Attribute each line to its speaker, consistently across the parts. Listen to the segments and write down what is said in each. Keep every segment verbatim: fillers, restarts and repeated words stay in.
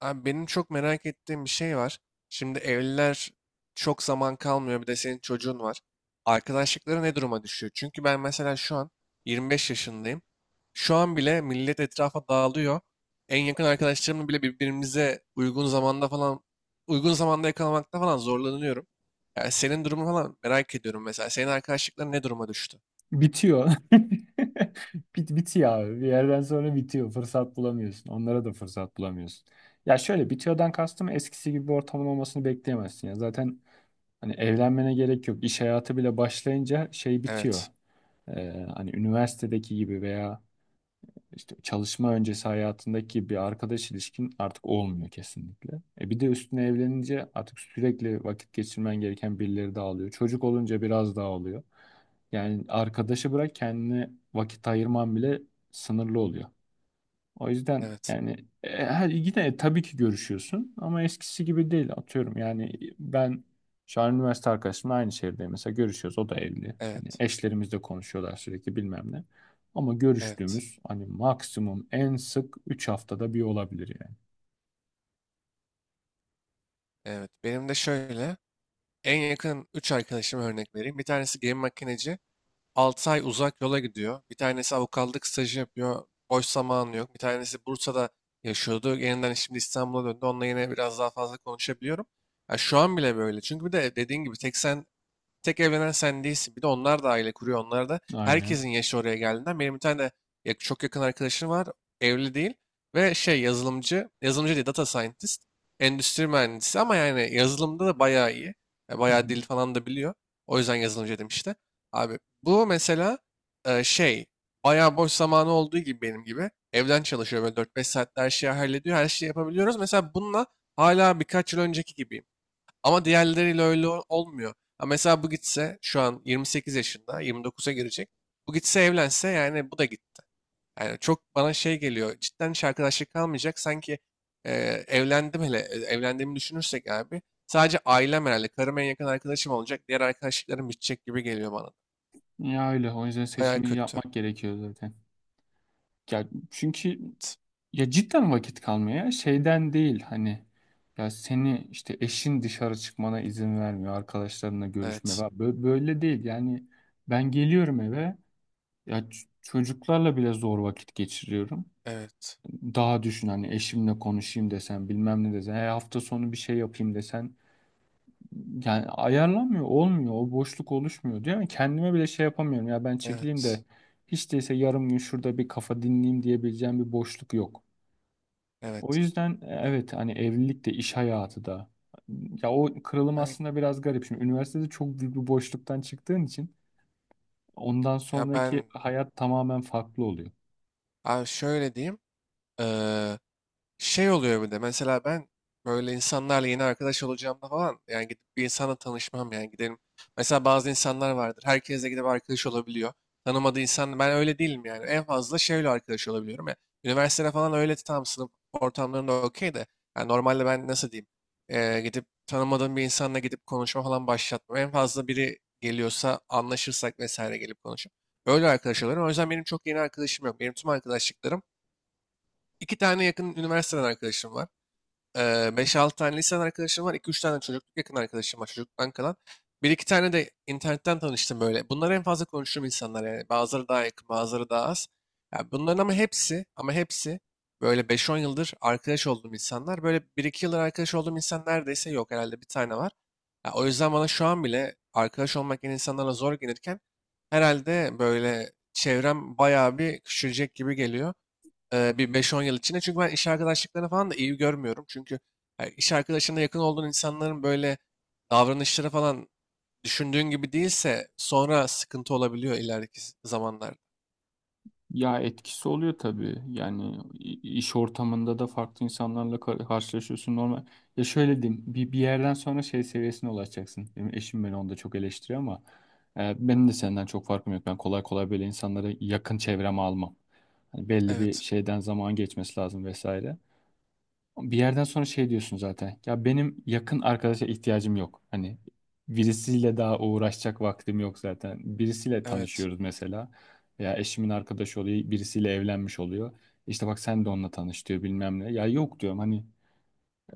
Speaker 1: Abi benim çok merak ettiğim bir şey var. Şimdi evliler çok zaman kalmıyor. Bir de senin çocuğun var. Arkadaşlıkları ne duruma düşüyor? Çünkü ben mesela şu an yirmi beş yaşındayım. Şu an bile millet etrafa dağılıyor. En yakın arkadaşlarımla bile birbirimize uygun zamanda falan, uygun zamanda yakalamakta falan zorlanıyorum. Yani senin durumu falan merak ediyorum mesela. Senin arkadaşlıkların ne duruma düştü?
Speaker 2: Bitiyor. Bit, bitiyor abi. Bir yerden sonra bitiyor. Fırsat bulamıyorsun. Onlara da fırsat bulamıyorsun. Ya şöyle bitiyordan kastım eskisi gibi bir ortamın olmasını bekleyemezsin. Ya zaten hani evlenmene gerek yok. İş hayatı bile başlayınca şey bitiyor.
Speaker 1: Evet,
Speaker 2: Ee, hani üniversitedeki gibi veya işte çalışma öncesi hayatındaki bir arkadaş ilişkin artık olmuyor kesinlikle. E bir de üstüne evlenince artık sürekli vakit geçirmen gereken birileri de alıyor. Çocuk olunca biraz daha oluyor. Yani arkadaşı bırak kendine vakit ayırman bile sınırlı oluyor. O yüzden
Speaker 1: evet,
Speaker 2: yani e, her yine tabii ki görüşüyorsun ama eskisi gibi değil atıyorum. Yani ben şu an üniversite arkadaşımla aynı şehirde mesela görüşüyoruz. O da evli. Hani
Speaker 1: evet,
Speaker 2: eşlerimizle konuşuyorlar sürekli bilmem ne. Ama
Speaker 1: evet,
Speaker 2: görüştüğümüz hani maksimum en sık üç haftada bir olabilir yani.
Speaker 1: evet. Benim de şöyle. En yakın üç arkadaşıma örnek vereyim. Bir tanesi gemi makineci. altı ay uzak yola gidiyor. Bir tanesi avukatlık stajı yapıyor. Boş zamanı yok. Bir tanesi Bursa'da yaşıyordu. Yeniden şimdi İstanbul'a döndü. Onunla yine biraz daha fazla konuşabiliyorum. Ya şu an bile böyle. Çünkü bir de dediğin gibi tek sen tek evlenen sen değilsin. Bir de onlar da aile kuruyor. Onlar da
Speaker 2: Aynen.
Speaker 1: herkesin yaşı oraya geldiğinden. Benim bir tane de ya- çok yakın arkadaşım var. Evli değil. Ve şey yazılımcı, yazılımcı değil data scientist, endüstri mühendisi ama yani yazılımda da bayağı iyi. Ya
Speaker 2: Hı
Speaker 1: bayağı
Speaker 2: hı.
Speaker 1: dil falan da biliyor. O yüzden yazılımcı dedim işte. Abi bu mesela e, şey bayağı boş zamanı olduğu gibi benim gibi. Evden çalışıyor böyle dört beş saatte her şeyi hallediyor. Her şeyi yapabiliyoruz. Mesela bununla hala birkaç yıl önceki gibi ama diğerleriyle öyle ol- olmuyor. Ha mesela bu gitse şu an yirmi sekiz yaşında, yirmi dokuza girecek. Bu gitse evlense yani bu da gitti. Yani çok bana şey geliyor. Cidden hiç arkadaşlık kalmayacak. Sanki e, evlendim hele e, evlendiğimi düşünürsek abi. Sadece ailem herhalde. Karım en yakın arkadaşım olacak. Diğer arkadaşlıklarım bitecek gibi geliyor bana.
Speaker 2: Ya öyle. O yüzden
Speaker 1: Baya
Speaker 2: seçimi
Speaker 1: kötü.
Speaker 2: yapmak gerekiyor zaten. Ya çünkü ya cidden vakit kalmaya şeyden değil hani ya seni işte eşin dışarı çıkmana izin vermiyor arkadaşlarınla görüşme
Speaker 1: Evet.
Speaker 2: var. Bö- böyle değil yani ben geliyorum eve, ya ç- çocuklarla bile zor vakit geçiriyorum,
Speaker 1: Evet.
Speaker 2: daha düşün hani eşimle konuşayım desen bilmem ne desen, "He, hafta sonu bir şey yapayım" desen yani ayarlanmıyor, olmuyor, o boşluk oluşmuyor diyor ama kendime bile şey yapamıyorum, ya ben çekileyim
Speaker 1: Evet.
Speaker 2: de hiç değilse yarım gün şurada bir kafa dinleyeyim diyebileceğim bir boşluk yok. O
Speaker 1: Evet.
Speaker 2: yüzden e, evet, hani evlilik de iş hayatı da, ya o kırılım
Speaker 1: Aynen.
Speaker 2: aslında biraz garip. Şimdi üniversitede çok büyük bir boşluktan çıktığın için ondan
Speaker 1: Ya
Speaker 2: sonraki
Speaker 1: ben
Speaker 2: hayat tamamen farklı oluyor.
Speaker 1: abi şöyle diyeyim. Eee Şey oluyor bir de mesela ben böyle insanlarla yeni arkadaş olacağımda falan yani gidip bir insanla tanışmam yani gidelim. Mesela bazı insanlar vardır herkesle gidip arkadaş olabiliyor. Tanımadığı insan ben öyle değilim yani en fazla şeyle arkadaş olabiliyorum ya. Üniversitede falan öyle tam sınıf ortamlarında okey de yani normalde ben nasıl diyeyim eee, gidip tanımadığım bir insanla gidip konuşma falan başlatmam. En fazla biri geliyorsa anlaşırsak vesaire gelip konuşup öyle arkadaş oluyorum. O yüzden benim çok yeni arkadaşım yok. Benim tüm arkadaşlıklarım iki tane yakın üniversiteden arkadaşım var. Eee, beş altı tane liseden arkadaşım var. İki üç tane çocukluk yakın arkadaşım var çocukluktan kalan. Bir iki tane de internetten tanıştım böyle. Bunlar en fazla konuştuğum insanlar yani. Bazıları daha yakın, bazıları daha az. Ya bunların ama hepsi, ama hepsi böyle beş on yıldır arkadaş olduğum insanlar. Böyle bir iki yıldır arkadaş olduğum insan neredeyse yok. Herhalde bir tane var. Ya o yüzden bana şu an bile arkadaş olmak yeni insanlara zor gelirken herhalde böyle çevrem bayağı bir küçülecek gibi geliyor. Eee, bir beş-on yıl içinde. Çünkü ben iş arkadaşlıklarını falan da iyi görmüyorum. Çünkü yani iş arkadaşına yakın olduğun insanların böyle davranışları falan düşündüğün gibi değilse sonra sıkıntı olabiliyor ileriki z- zamanlarda.
Speaker 2: Ya etkisi oluyor tabii. Yani i- iş ortamında da farklı insanlarla kar- karşılaşıyorsun normal. Ya şöyle diyeyim, bir, bir yerden sonra şey seviyesine ulaşacaksın. Benim eşim beni onda çok eleştiriyor ama e, benim de senden çok farkım yok. Ben kolay kolay böyle insanları yakın çevreme almam. Hani belli bir
Speaker 1: Evet,
Speaker 2: şeyden zaman geçmesi lazım vesaire. Bir yerden sonra şey diyorsun zaten. Ya benim yakın arkadaşa ihtiyacım yok. Hani birisiyle daha uğraşacak vaktim yok zaten. Birisiyle
Speaker 1: evet,
Speaker 2: tanışıyoruz mesela. Ya eşimin arkadaşı oluyor, birisiyle evlenmiş oluyor. İşte bak sen de onunla tanış diyor bilmem ne. Ya yok diyorum hani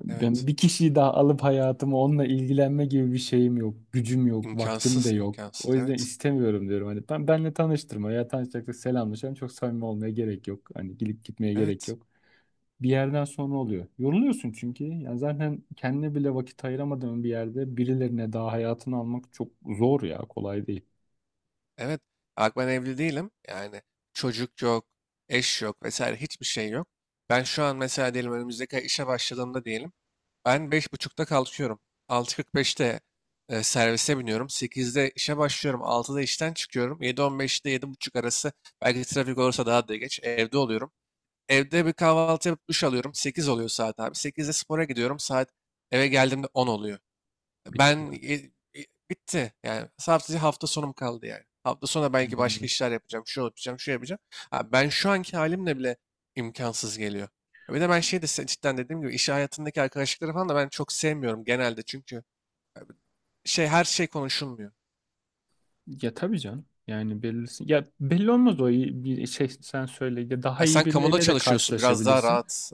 Speaker 2: ben
Speaker 1: evet.
Speaker 2: bir kişiyi daha alıp hayatımı onunla ilgilenme gibi bir şeyim yok. Gücüm yok, vaktim de
Speaker 1: İmkansız,
Speaker 2: yok. O
Speaker 1: imkansız.
Speaker 2: yüzden
Speaker 1: Evet,
Speaker 2: istemiyorum diyorum. Hani ben benle tanıştırma, ya tanışacaksak selamlaşalım. Çok samimi olmaya gerek yok. Hani gidip gitmeye gerek
Speaker 1: evet,
Speaker 2: yok, bir yerden sonra oluyor. Yoruluyorsun çünkü. Yani zaten kendine bile vakit ayıramadığın bir yerde birilerine daha hayatını almak çok zor ya. Kolay değil.
Speaker 1: evet. Bak ben evli değilim. Yani çocuk yok, eş yok vesaire hiçbir şey yok. Ben şu an mesela diyelim önümüzdeki ay işe başladığımda diyelim. Ben beş buçukta kalkıyorum. altı kırk beşte e, servise biniyorum. Sekizde işe başlıyorum. Altıda işten çıkıyorum. Yedi on beşte yedi buçuk arası belki trafik olursa daha da geç evde oluyorum. Evde bir kahvaltı yapıp duş alıyorum. Sekiz oluyor saat abi. Sekizde spora gidiyorum. Saat eve geldiğimde on oluyor.
Speaker 2: Bitti
Speaker 1: Ben e,
Speaker 2: zaten.
Speaker 1: e, bitti. Yani sadece hafta sonum kaldı yani. Hafta sonu belki
Speaker 2: Aynen
Speaker 1: başka
Speaker 2: öyle.
Speaker 1: işler yapacağım. Şu yapacağım, şu yapacağım. Ha, ben şu anki halimle bile imkansız geliyor. Bir de ben şey de se- cidden dediğim gibi iş hayatındaki arkadaşlıkları falan da ben çok sevmiyorum genelde. Çünkü e, şey her şey konuşulmuyor.
Speaker 2: Ya tabii canım. Yani belirsin. Ya belli olmaz, o iyi bir şey, sen söyle. Ya daha
Speaker 1: Ya
Speaker 2: iyi
Speaker 1: sen kamuda
Speaker 2: birileriyle de
Speaker 1: çalışıyorsun biraz daha
Speaker 2: karşılaşabilirsin.
Speaker 1: rahat.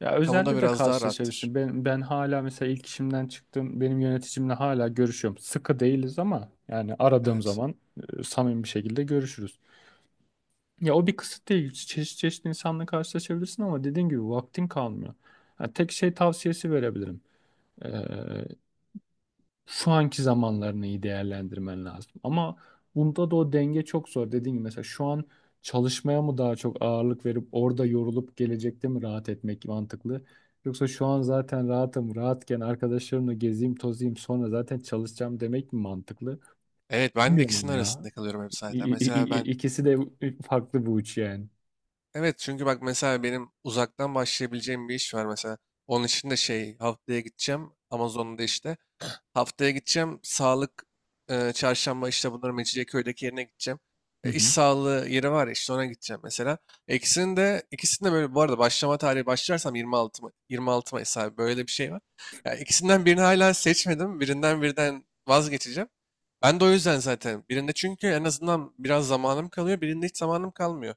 Speaker 2: Ya
Speaker 1: Kamuda
Speaker 2: özelde de
Speaker 1: biraz daha rahattır.
Speaker 2: karşılaşabilirsin. Ben ben hala mesela ilk işimden çıktım. Benim yöneticimle hala görüşüyorum. Sıkı değiliz ama yani aradığım
Speaker 1: Evet.
Speaker 2: zaman e, samimi bir şekilde görüşürüz. Ya o bir kısıt değil. Çeşit çeşit insanla karşılaşabilirsin ama dediğin gibi vaktin kalmıyor. Ha, tek şey tavsiyesi verebilirim. Ee, Şu anki zamanlarını iyi değerlendirmen lazım. Ama bunda da o denge çok zor. Dediğim gibi mesela şu an çalışmaya mı daha çok ağırlık verip orada yorulup gelecekte mi rahat etmek mantıklı? Yoksa şu an zaten rahatım, rahatken arkadaşlarımla gezeyim, tozayım, sonra zaten çalışacağım demek mi mantıklı?
Speaker 1: Evet ben de
Speaker 2: Bilmiyorum
Speaker 1: ikisinin
Speaker 2: onu ya.
Speaker 1: arasında kalıyorum hep
Speaker 2: İ-
Speaker 1: zaten.
Speaker 2: i-
Speaker 1: Mesela
Speaker 2: i-
Speaker 1: ben
Speaker 2: i- İkisi de farklı bu uç yani.
Speaker 1: Evet, çünkü bak mesela benim uzaktan başlayabileceğim bir iş var mesela. Onun için de şey haftaya gideceğim Amazon'da işte. Haftaya gideceğim sağlık e, çarşamba işte bunların Mecidiyeköy'deki yerine gideceğim.
Speaker 2: Hı
Speaker 1: E, iş
Speaker 2: hı.
Speaker 1: sağlığı yeri var ya, işte ona gideceğim mesela. İkisinin de ikisinin de böyle bu arada başlama tarihi başlarsam yirmi altı Ma- yirmi altı Mayıs abi böyle de bir şey var. Ya ikisinden birini hala seçmedim. Birinden birden vazgeçeceğim. Ben de o yüzden zaten birinde çünkü en azından biraz zamanım kalıyor, birinde hiç zamanım kalmıyor.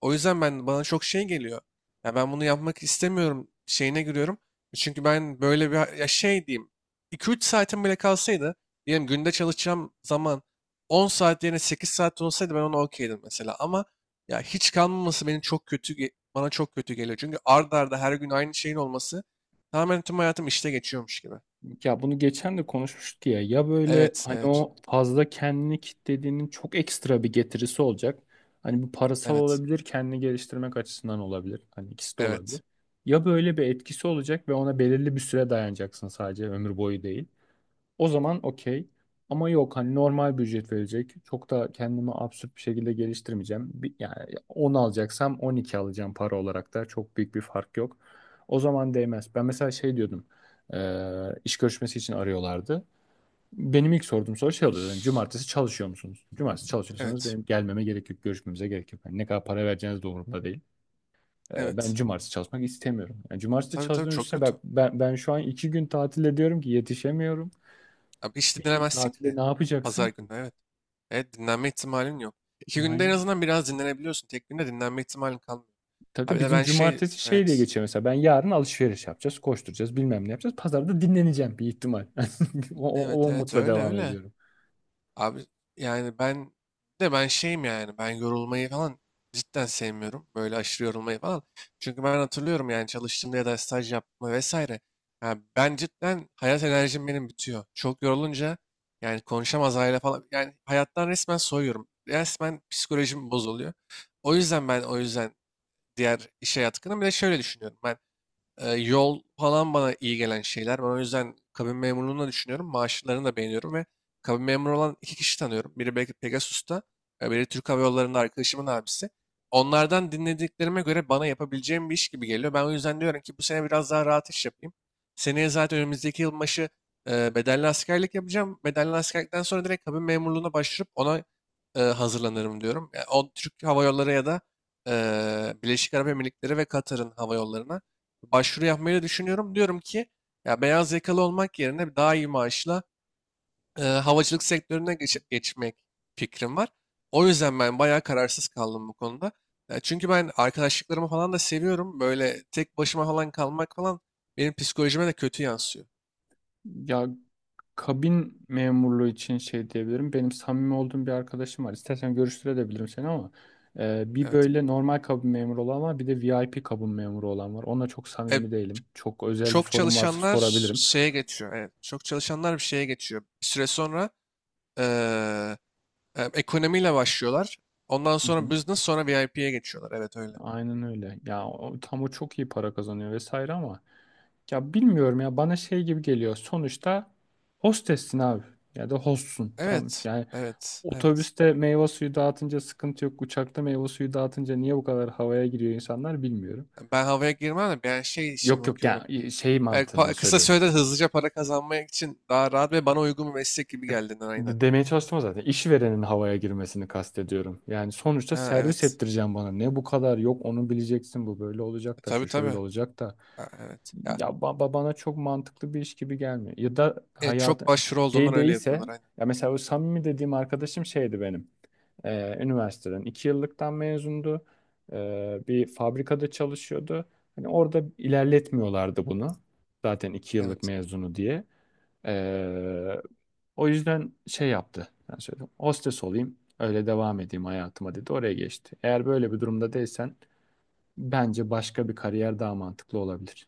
Speaker 1: O yüzden ben bana çok şey geliyor. Ya ben bunu yapmak istemiyorum şeyine giriyorum. Çünkü ben böyle bir ya şey diyeyim iki üç saatim bile kalsaydı diyelim günde çalışacağım zaman on saat yerine sekiz saat olsaydı ben ona okeydim mesela ama ya hiç kalmaması benim çok kötü ge- bana çok kötü geliyor. Çünkü ard arda her gün aynı şeyin olması tamamen tüm hayatım işte geçiyormuş gibi.
Speaker 2: Ya bunu geçen de konuşmuştuk ya. Ya böyle
Speaker 1: Evet,
Speaker 2: hani
Speaker 1: evet,
Speaker 2: o fazla kendini kitlediğinin çok ekstra bir getirisi olacak. Hani bu parasal
Speaker 1: evet,
Speaker 2: olabilir, kendini geliştirmek açısından olabilir. Hani ikisi de
Speaker 1: evet,
Speaker 2: olabilir. Ya böyle bir etkisi olacak ve ona belirli bir süre dayanacaksın, sadece ömür boyu değil. O zaman okey. Ama yok hani normal bir ücret verecek. Çok da kendimi absürt bir şekilde geliştirmeyeceğim. Bir, yani on alacaksam on iki alacağım para olarak da. Çok büyük bir fark yok. O zaman değmez. Ben mesela şey diyordum. eee, iş görüşmesi için arıyorlardı. Benim ilk sorduğum soru şey oluyor yani, cumartesi çalışıyor musunuz? Cumartesi çalışıyorsanız
Speaker 1: evet,
Speaker 2: benim gelmeme gerek yok. Görüşmemize gerek yok. Yani ne kadar para vereceğiniz de umurumda değil. Eee, ben
Speaker 1: evet.
Speaker 2: cumartesi çalışmak istemiyorum. Yani cumartesi de
Speaker 1: Tabii tabii
Speaker 2: çalıştığım
Speaker 1: çok
Speaker 2: üstüne
Speaker 1: kötü.
Speaker 2: ben, ben, ben şu an iki gün tatil ediyorum ki yetişemiyorum.
Speaker 1: Abi hiç dinlemezsin
Speaker 2: Tatile
Speaker 1: ki.
Speaker 2: ne yapacaksın
Speaker 1: Pazar günü
Speaker 2: ki?
Speaker 1: evet. Evet dinlenme ihtimalin yok. İki günde en
Speaker 2: Aynen.
Speaker 1: azından biraz dinlenebiliyorsun. Tek günde dinlenme ihtimalin kalmıyor.
Speaker 2: Tabii tabii
Speaker 1: Abi de
Speaker 2: bizim
Speaker 1: ben şey
Speaker 2: cumartesi şey diye
Speaker 1: evet.
Speaker 2: geçiyor mesela. Ben yarın alışveriş yapacağız, koşturacağız, bilmem ne yapacağız. Pazarda dinleneceğim bir ihtimal. O, o,
Speaker 1: Evet
Speaker 2: o
Speaker 1: evet
Speaker 2: umutla
Speaker 1: öyle
Speaker 2: devam
Speaker 1: öyle.
Speaker 2: ediyorum.
Speaker 1: Abi yani ben de ben şeyim yani ben yorulmayı falan cidden sevmiyorum. Böyle aşırı yorulmayı falan. Çünkü ben hatırlıyorum yani çalıştığımda ya da staj yapma vesaire. Yani ben cidden hayat enerjim benim bitiyor. Çok yorulunca yani konuşamaz hale falan. Yani hayattan resmen soyuyorum. Resmen psikolojim bozuluyor. O yüzden ben o yüzden diğer iş hayatı hakkında. Bir de şöyle düşünüyorum ben. Ee, yol falan bana iyi gelen şeyler. Ben o yüzden kabin memurluğunu da düşünüyorum. Maaşlarını da beğeniyorum ve kabin memuru olan iki kişi tanıyorum. Biri belki Pegasus'ta, e, biri Türk Hava Yolları'nda arkadaşımın abisi. Onlardan dinlediklerime göre bana yapabileceğim bir iş gibi geliyor. Ben o yüzden diyorum ki bu sene biraz daha rahat iş yapayım. Seneye zaten önümüzdeki yılbaşı e, bedelli askerlik yapacağım. Bedelli askerlikten sonra direkt kabin memurluğuna başvurup ona e, hazırlanırım diyorum. Yani o Türk Hava Yolları ya da e, Birleşik Arap Emirlikleri ve Katar'ın hava yollarına başvuru yapmayı da düşünüyorum. Diyorum ki ya beyaz yakalı olmak yerine daha iyi maaşla e, havacılık sektörüne geç- geçmek fikrim var. O yüzden ben bayağı kararsız kaldım bu konuda. Ya çünkü ben arkadaşlıklarımı falan da seviyorum. Böyle tek başıma falan kalmak falan benim psikolojime de kötü yansıyor.
Speaker 2: Ya kabin memurluğu için şey diyebilirim. Benim samimi olduğum bir arkadaşım var. İstersen görüştürebilirim seni ama e, bir
Speaker 1: Evet.
Speaker 2: böyle normal kabin memuru olan var, bir de V I P kabin memuru olan var. Ona çok
Speaker 1: E,
Speaker 2: samimi değilim. Çok özel bir
Speaker 1: Çok
Speaker 2: sorun varsa
Speaker 1: çalışanlar
Speaker 2: sorabilirim.
Speaker 1: şeye geçiyor. Evet, çok çalışanlar bir şeye geçiyor. Bir süre sonra eee, e, ekonomiyle başlıyorlar. Ondan
Speaker 2: Hı
Speaker 1: sonra
Speaker 2: hı.
Speaker 1: business sonra V I P'ye geçiyorlar. Evet öyle.
Speaker 2: Aynen öyle. Ya o, tam o çok iyi para kazanıyor vesaire ama ya bilmiyorum ya, bana şey gibi geliyor. Sonuçta hostessin abi ya da hostsun, tamam.
Speaker 1: Evet,
Speaker 2: Yani
Speaker 1: evet, evet.
Speaker 2: otobüste meyve suyu dağıtınca sıkıntı yok. Uçakta meyve suyu dağıtınca niye bu kadar havaya giriyor insanlar bilmiyorum.
Speaker 1: Ben havaya girmem de ben şey için
Speaker 2: Yok yok,
Speaker 1: bakıyorum.
Speaker 2: yani şey
Speaker 1: Yani
Speaker 2: mantığını
Speaker 1: pa- kısa
Speaker 2: söylüyorum.
Speaker 1: sürede hızlıca para kazanmak için daha rahat ve bana uygun bir meslek gibi
Speaker 2: Yok,
Speaker 1: geldiğinden aynen.
Speaker 2: de- demeye çalıştım zaten. İşverenin havaya girmesini kastediyorum. Yani sonuçta
Speaker 1: Ha,
Speaker 2: servis
Speaker 1: evet.
Speaker 2: ettireceğim bana. Ne bu kadar yok onu bileceksin bu böyle
Speaker 1: E,
Speaker 2: olacak da
Speaker 1: tabii
Speaker 2: şu şöyle
Speaker 1: tabii.
Speaker 2: olacak da.
Speaker 1: Ha, evet. Ya,
Speaker 2: Ya ba- ba- bana çok mantıklı bir iş gibi gelmiyor. Ya da
Speaker 1: evet, çok
Speaker 2: hayatı
Speaker 1: başvuru olduğundan
Speaker 2: şey
Speaker 1: öyle yapıyorlar
Speaker 2: değilse,
Speaker 1: aynen.
Speaker 2: ya mesela o samimi dediğim arkadaşım şeydi benim. Ee, üniversiteden iki yıllıktan mezundu. Ee, bir fabrikada çalışıyordu. Hani orada ilerletmiyorlardı bunu. Zaten iki yıllık
Speaker 1: Evet.
Speaker 2: mezunu diye. Ee, O yüzden şey yaptı. Ben söyledim. Hostes olayım. Öyle devam edeyim hayatıma dedi. Oraya geçti. Eğer böyle bir durumda değilsen bence başka bir kariyer daha mantıklı olabilir.